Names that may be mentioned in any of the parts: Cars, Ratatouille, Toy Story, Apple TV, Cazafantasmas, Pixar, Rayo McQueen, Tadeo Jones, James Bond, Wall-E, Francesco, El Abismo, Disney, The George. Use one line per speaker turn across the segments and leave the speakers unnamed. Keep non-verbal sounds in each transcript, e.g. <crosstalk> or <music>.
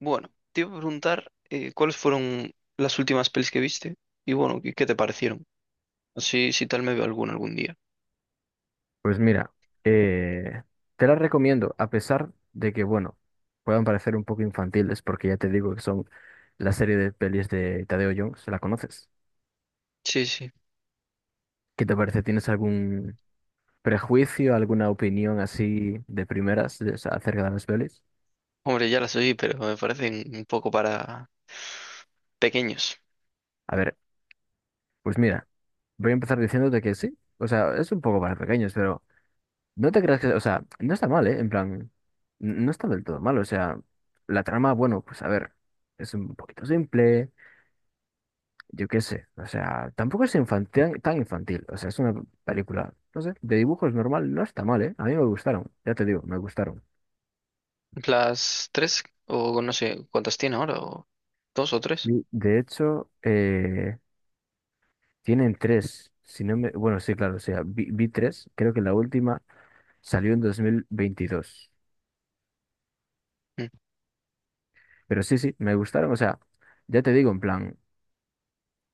Bueno, te iba a preguntar cuáles fueron las últimas pelis que viste y bueno, qué te parecieron? Así, si tal me veo alguna algún día.
Pues mira, eh, te las recomiendo, a pesar de que, bueno, puedan parecer un poco infantiles, porque ya te digo que son la serie de pelis de Tadeo Jones, ¿la conoces?
Sí, sí.
¿Qué te parece? ¿Tienes algún prejuicio, alguna opinión así de primeras o sea, acerca de las pelis?
Hombre, ya las oí, pero me parecen un poco para pequeños.
A ver, pues mira, voy a empezar diciéndote que sí, o sea, es un poco para pequeños, pero no te creas que, o sea, no está mal, ¿eh? En plan, no está del todo mal, o sea, la trama, bueno, pues a ver, es un poquito simple. Yo qué sé, o sea, tampoco es infantil, tan infantil, o sea, es una película, no sé, de dibujos normal, no está mal, ¿eh? A mí me gustaron, ya te digo, me gustaron.
Las tres, o no sé cuántas tiene ahora, o dos o tres.
Y de hecho, tienen tres, si no me, bueno, sí, claro, o sea, vi tres, creo que la última salió en 2022,
Mm.
pero sí, sí, me gustaron, o sea, ya te digo, en plan,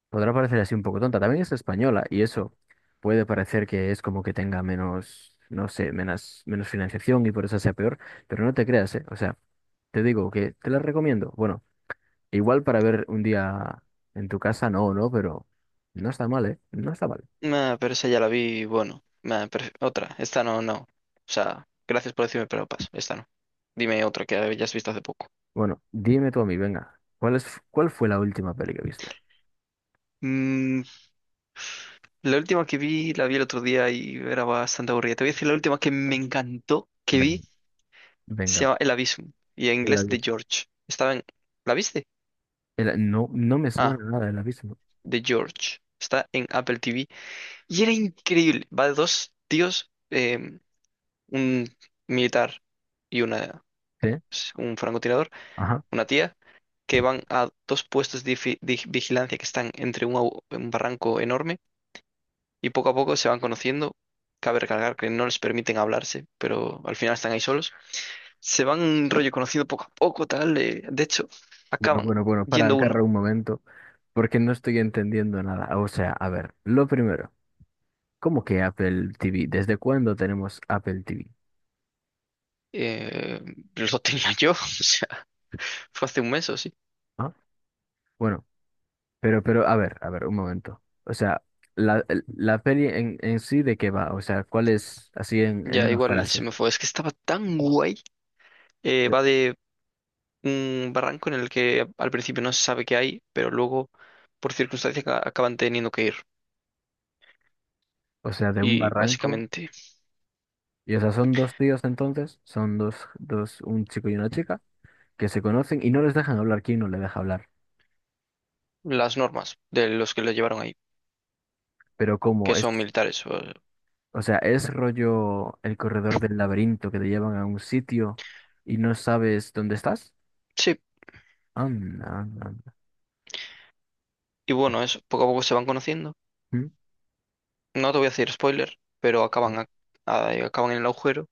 podrá parecer así un poco tonta. También es española y eso puede parecer que es como que tenga menos, no sé, menos, menos financiación y por eso sea peor, pero no te creas, ¿eh? O sea, te digo que te la recomiendo. Bueno, igual para ver un día en tu casa, no, no, pero no está mal, ¿eh? No está mal.
Nah, pero esa ya la vi, bueno. Nah, pero otra, esta no, no. O sea, gracias por decirme, pero paso, esta no. Dime otra que hayas visto hace poco.
Bueno, dime tú a mí, venga, cuál fue la última peli que viste?
Mm, La última que vi, la vi el otro día y era bastante aburrida. Te voy a decir la última que me encantó que vi,
Ven-
se
Venga,
llama El Abismo y en
el
inglés The
abismo.
George. Estaba en... ¿La viste?
No, no me
Ah,
suena nada el abismo.
The George. Está en Apple TV y era increíble. Va de dos tíos, un militar y una,
¿Sí?
pues, un francotirador,
Ajá.
una tía, que van a dos puestos de de vigilancia que están entre un, un barranco enorme y poco a poco se van conociendo. Cabe recalcar que no les permiten hablarse, pero al final están ahí solos. Se van rollo conociendo poco a poco, tal. De hecho,
Bueno,
acaban
bueno, bueno, para
yendo
acá
uno.
un momento. Porque no estoy entendiendo nada. O sea, a ver, lo primero, ¿cómo que Apple TV? ¿Desde cuándo tenemos Apple TV?
Eh, lo tenía yo, <laughs> o sea, fue hace un mes o sí.
¿Ah? Bueno, pero, a ver, un momento. O sea, la peli en sí de qué va, o sea, ¿cuál es así en
Ya
una
igual se
frase?
me fue. Es que estaba tan guay.
Eh,
Va de un barranco en el que al principio no se sabe qué hay, pero luego, por circunstancias, acaban teniendo que ir.
O sea, de un
Y
barranco.
básicamente
Y o sea, son dos tíos entonces, son dos, un chico y una chica, que se conocen y no les dejan hablar, ¿quién no le deja hablar?
las normas de los que lo llevaron ahí,
Pero
que
como es.
son militares. O-
O sea, es rollo el corredor del laberinto que te llevan a un sitio y no sabes dónde estás.
Sí.
Anda, anda, anda.
Y bueno, eso, poco a poco se van conociendo.
Mm.
No te voy a hacer spoiler, pero acaban, acaban en el agujero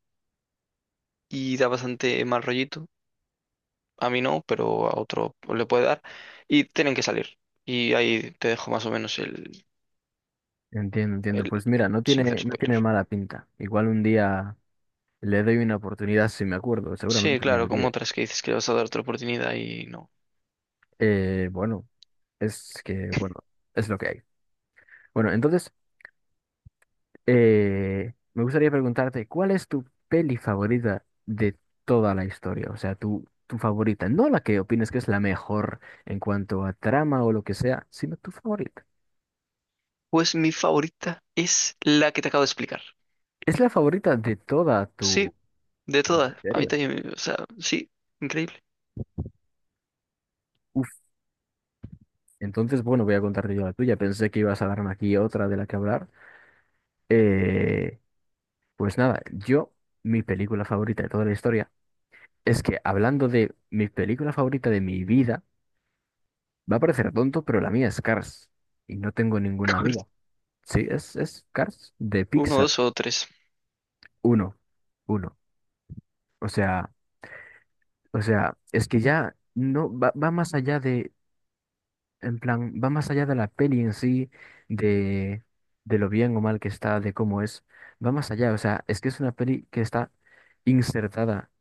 y da bastante mal rollito. A mí no, pero a otro le puede dar. Y tienen que salir. Y ahí te dejo más o menos
Entiendo, entiendo.
el
Pues mira,
sin hacer
no tiene
spoilers.
mala pinta. Igual un día le doy una oportunidad si me acuerdo,
Sí,
seguramente me
claro, como
olvide.
otras que dices que le vas a dar otra oportunidad y no.
Bueno, es que, bueno, es lo que hay. Bueno, entonces, me gustaría preguntarte, ¿cuál es tu peli favorita de toda la historia? O sea, tu favorita, no la que opines que es la mejor en cuanto a trama o lo que sea, sino tu favorita.
Pues mi favorita es la que te acabo de explicar.
Es la favorita de toda
Sí,
tu
de todas. A mí
serie.
también, o sea, sí, increíble.
Uf, entonces, bueno, voy a contarte yo la tuya. Pensé que ibas a darme aquí otra de la que hablar. Eh, pues nada, yo, mi película favorita de toda la historia, es que hablando de mi película favorita de mi vida, va a parecer tonto, pero la mía es Cars. Y no tengo ninguna duda.
<laughs>
Sí, es Cars de
Uno,
Pixar.
dos o tres.
Uno. Uno. O sea, o sea, es que ya no va, va más allá de, en plan, va más allá de la peli en sí, de, de lo bien o mal que está, de cómo es. Va más allá. O sea, es que es una peli que está insertada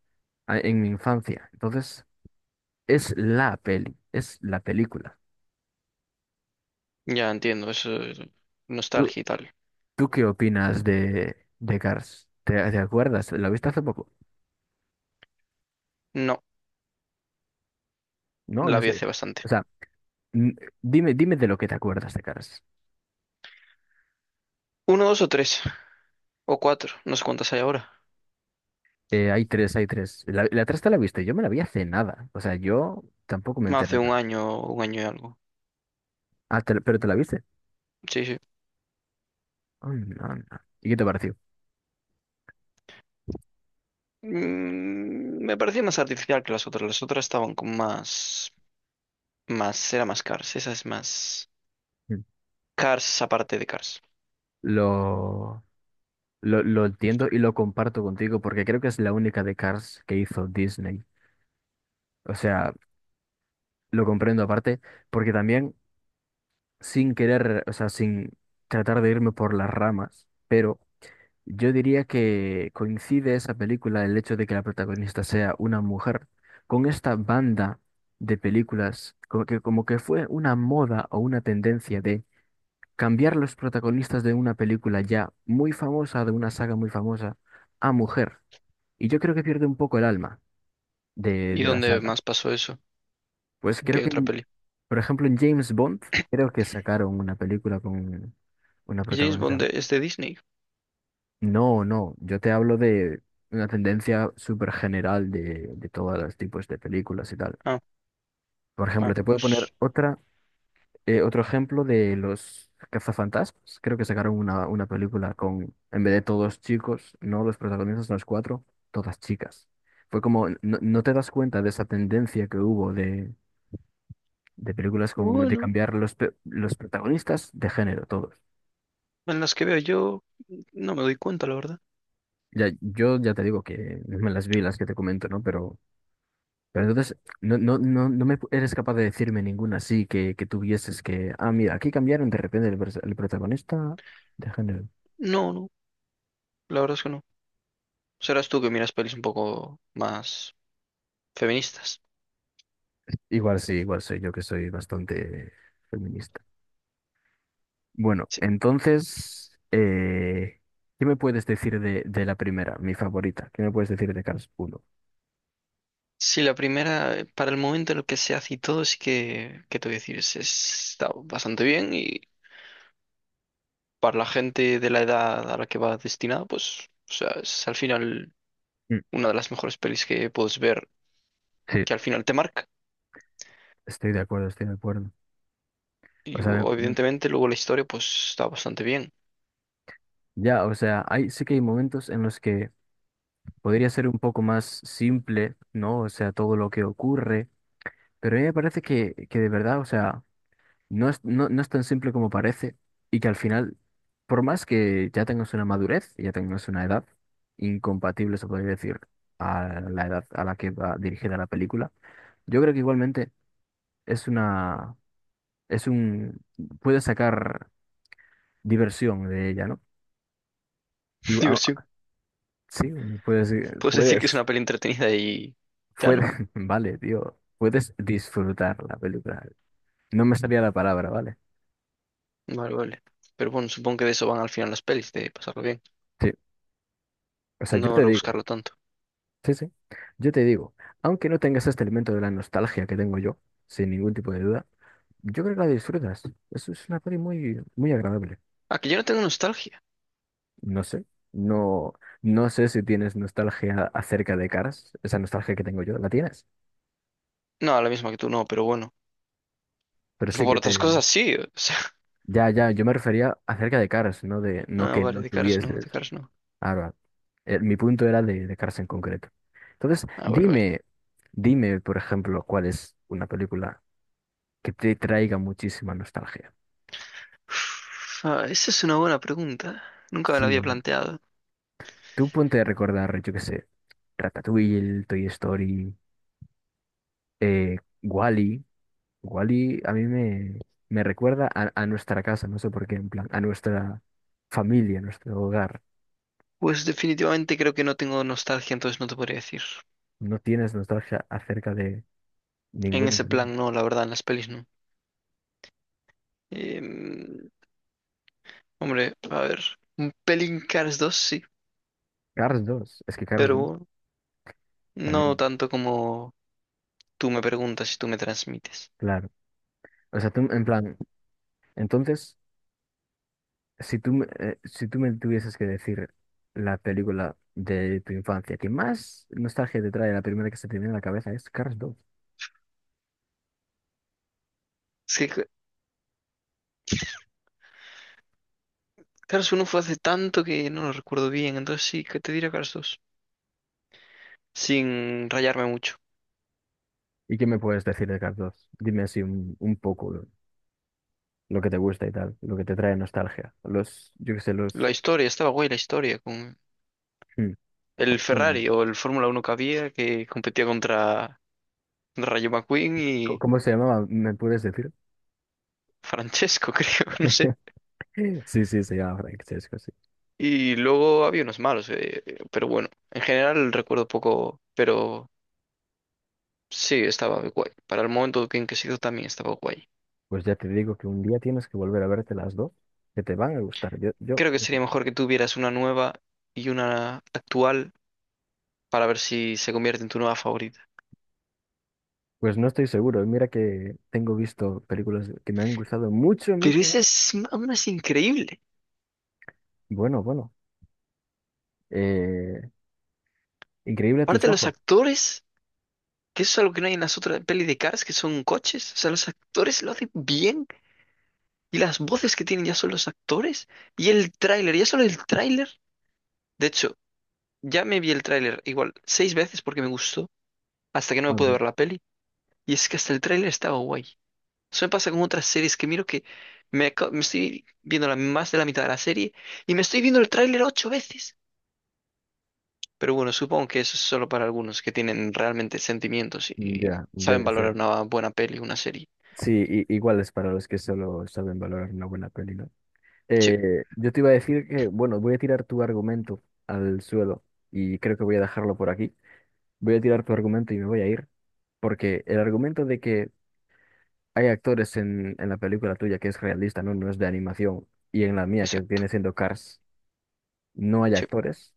en mi infancia. Entonces, es la peli, es la película.
Ya entiendo, eso es
¿Tú,
nostalgia y tal.
¿Tú qué opinas de Cars? ¿Te, te acuerdas? ¿La viste hace poco?
No,
No,
la
no
vi
sé.
hace bastante.
O sea, n- dime, dime de lo que te acuerdas de Cars.
Uno, dos o tres, o cuatro, no sé cuántas hay ahora.
Hay tres, hay tres. La tres te la viste, yo me la vi hace nada. O sea, yo tampoco me enteré
Hace
nada.
un año y algo.
Ah, te pero te la viste.
Sí, sí.
Oh, no, no. ¿Y qué te pareció?
Mm, me parecía más artificial que las otras. Las otras estaban con más, más, era más Cars. Esa es más
Mm.
Cars aparte de Cars.
Lo, lo entiendo y lo comparto contigo porque creo que es la única de Cars que hizo Disney. O sea, lo comprendo aparte porque también sin querer, o sea, sin tratar de irme por las ramas, pero yo diría que coincide esa película, el hecho de que la protagonista sea una mujer, con esta banda de películas, como que fue una moda o una tendencia de cambiar los protagonistas de una película ya muy famosa, de una saga muy famosa, a mujer. Y yo creo que pierde un poco el alma
¿Y
de la
dónde
saga.
más pasó eso?
Pues
¿En
creo
qué
que,
otra peli?
por ejemplo, en James Bond, creo que sacaron una película con una
James
protagonista.
Bond es de Disney.
No, no, yo te hablo de una tendencia súper general de todos los tipos de películas y tal.
Ah,
Por
ah,
ejemplo, te puedo poner
pues
otra, otro ejemplo de los cazafantasmas. Creo que sacaron una película con, en vez de todos chicos, no, los protagonistas, los cuatro, todas chicas. Fue como, no, no te das cuenta de esa tendencia que hubo de películas con, de
bueno,
cambiar los, los protagonistas de género, todos.
en las que veo yo no me doy cuenta, la verdad.
Ya, yo ya te digo que me las vi, las que te comento, ¿no? Pero entonces, no, no, no, no me eres capaz de decirme ninguna así que tuvieses que, ah, mira, aquí cambiaron de repente el, el protagonista de género.
No, no, la verdad es que no. Serás tú que miras pelis un poco más feministas.
Igual sí, igual soy yo que soy bastante feminista. Bueno, entonces, ¿qué me puedes decir de la primera, mi favorita? ¿Qué me puedes decir de Cars uno?
Sí, la primera, para el momento en el que se hace y todo, sí que, ¿qué te voy a decir? Está bastante bien y para la gente de la edad a la que va destinada, pues, o sea, es al final
Mm.
una de las mejores pelis que puedes ver,
Sí,
que al final te marca.
estoy de acuerdo, estoy de acuerdo. O sea,
Evidentemente luego la historia, pues, está bastante bien.
ya, o sea, hay, sí que hay momentos en los que podría ser un poco más simple, ¿no? O sea, todo lo que ocurre. Pero a mí me parece que de verdad, o sea, no es, no, no es tan simple como parece y que al final, por más que ya tengas una madurez, ya tengas una edad incompatible, se podría decir, a la edad a la que va dirigida la película, yo creo que igualmente es una, es un, puedes sacar diversión de ella, ¿no? Y,
<laughs>
ah,
Diversión.
sí, puedes,
Puedes decir que es
puedes,
una peli entretenida y ya, ¿no?
puedes, <laughs> vale, tío, puedes disfrutar la película. No me salía la palabra, ¿vale?
Vale, vale. Pero bueno, supongo que de eso van al final las pelis, de pasarlo bien,
Sí, o sea, yo
no
te digo.
rebuscarlo tanto.
Sí, sí. Yo te digo, aunque no tengas este elemento de la nostalgia que tengo yo, sin ningún tipo de duda, yo creo que la disfrutas. Eso es una peli muy, muy agradable.
Ah, que yo no tengo nostalgia.
No sé, no, no sé si tienes nostalgia acerca de Cars, esa nostalgia que tengo yo, la tienes.
No, la misma que tú no, pero bueno.
Pero
<laughs>
sí
Por
que te...
otras cosas sí. O sea,
Ya, ya, yo me refería acerca de Cars, no de, no
ah,
que
vale,
no
de caras no, de
tuvieses.
caras no.
Ahora, mi punto era de Cars en concreto. Entonces,
Ah, vale, vale.
dime, dime, por ejemplo, cuál es una película que te traiga muchísima nostalgia.
Uf, esa es una buena pregunta. Nunca me la
Sí,
había planteado.
tú ponte a recordar, yo qué sé, Ratatouille, Toy Story, eh, Wall-E. Wall-E a mí me recuerda a nuestra casa, no sé por qué, en plan, a nuestra familia, a nuestro hogar.
Pues definitivamente creo que no tengo nostalgia, entonces no te podría decir.
No tienes nostalgia acerca de
En
ninguna.
ese
De ellas.
plan no, la verdad, en las pelis no. Em, hombre, a ver, un pelín Cars dos, sí,
Cars 2, es que Cars 2
pero no
también,
tanto como tú me preguntas y tú me transmites.
claro. O sea, tú, en plan, entonces, si tú, si tú me tuvieses que decir la película de tu infancia que más nostalgia te trae, la primera que se te viene a la cabeza es Cars.
Es que Cars uno fue hace tanto que no lo recuerdo bien, entonces sí, que te diré Cars dos. Sin rayarme mucho.
¿Y qué me puedes decir de Carlos? Dime así un poco lo que te gusta y tal, lo que te trae nostalgia. Los, yo qué sé,
La
los...
historia, estaba guay la historia, con
Hmm,
el
¿cuáles son?
Ferrari o el Fórmula Uno que había que competía contra Rayo McQueen y
¿Cómo se llamaba? ¿Me puedes decir? <gasps>
Francesco, <laughs> creo, no sé.
<laughs> Sí, sí, se llama Francesco, sí.
Y luego había unos malos, pero bueno, en general recuerdo poco, pero sí, estaba guay. Para el momento en que se hizo también estaba guay.
Pues ya te digo que un día tienes que volver a verte las dos, que te van a gustar. Yo,
Creo que sería mejor que tuvieras una nueva y una actual para ver si se convierte en tu nueva favorita.
pues no estoy seguro. Mira que tengo visto películas que me han gustado mucho,
Pero
mucho,
esa
mucho.
es aún es increíble.
Bueno, bueno. Eh, increíble tus
Aparte los
ojos.
actores, que eso es algo que no hay en las otras pelis de Cars, que son coches. O sea, los actores lo hacen bien. Y las voces que tienen ya son los actores. Y el tráiler, ya solo el tráiler. De hecho, ya me vi el tráiler igual 6 veces porque me gustó, hasta que no me pude
Madre,
ver la peli. Y es que hasta el tráiler estaba guay. Eso me pasa con otras series que miro que me, me estoy viendo la, más de la mitad de la serie y me estoy viendo el tráiler 8 veces. Pero bueno, supongo que eso es solo para algunos que tienen realmente sentimientos y
ya,
saben
debe ser.
valorar una buena peli, una serie.
Sí, igual es para los que solo saben valorar una buena peli, ¿no?
Sí,
Yo te iba a decir que, bueno, voy a tirar tu argumento al suelo y creo que voy a dejarlo por aquí. Voy a tirar tu argumento y me voy a ir, porque el argumento de que hay actores en la película tuya que es realista, ¿no? No es de animación, y en la mía, que
exacto.
viene siendo Cars, no hay
Sí.
actores.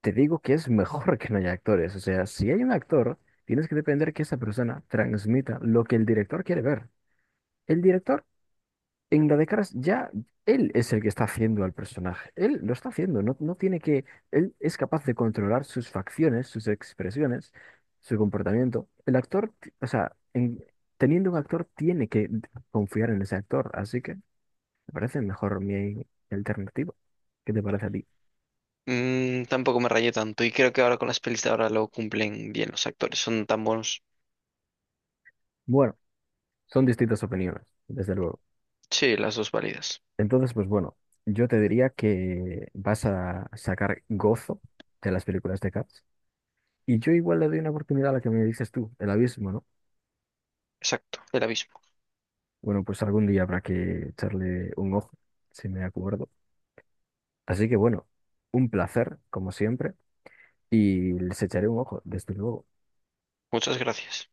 Te digo que es mejor <laughs> que no haya actores. O sea, si hay un actor, tienes que depender que esa persona transmita lo que el director quiere ver. El director. En la de ya él es el que está haciendo al personaje. Él lo está haciendo, no, no tiene que. Él es capaz de controlar sus facciones, sus expresiones, su comportamiento. El actor, o sea, teniendo un actor, tiene que confiar en ese actor. Así que me parece mejor mi alternativa. ¿Qué te parece a ti?
Mm, tampoco me rayé tanto y creo que ahora con las pelis de ahora lo cumplen bien los actores, son tan buenos.
Bueno, son distintas opiniones, desde luego.
Sí, las dos válidas.
Entonces, pues bueno, yo te diría que vas a sacar gozo de las películas de Cars. Y yo igual le doy una oportunidad a la que me dices tú, el abismo, ¿no?
Exacto, el abismo.
Bueno, pues algún día habrá que echarle un ojo, si me acuerdo. Así que bueno, un placer, como siempre, y les echaré un ojo, desde luego.
Muchas gracias.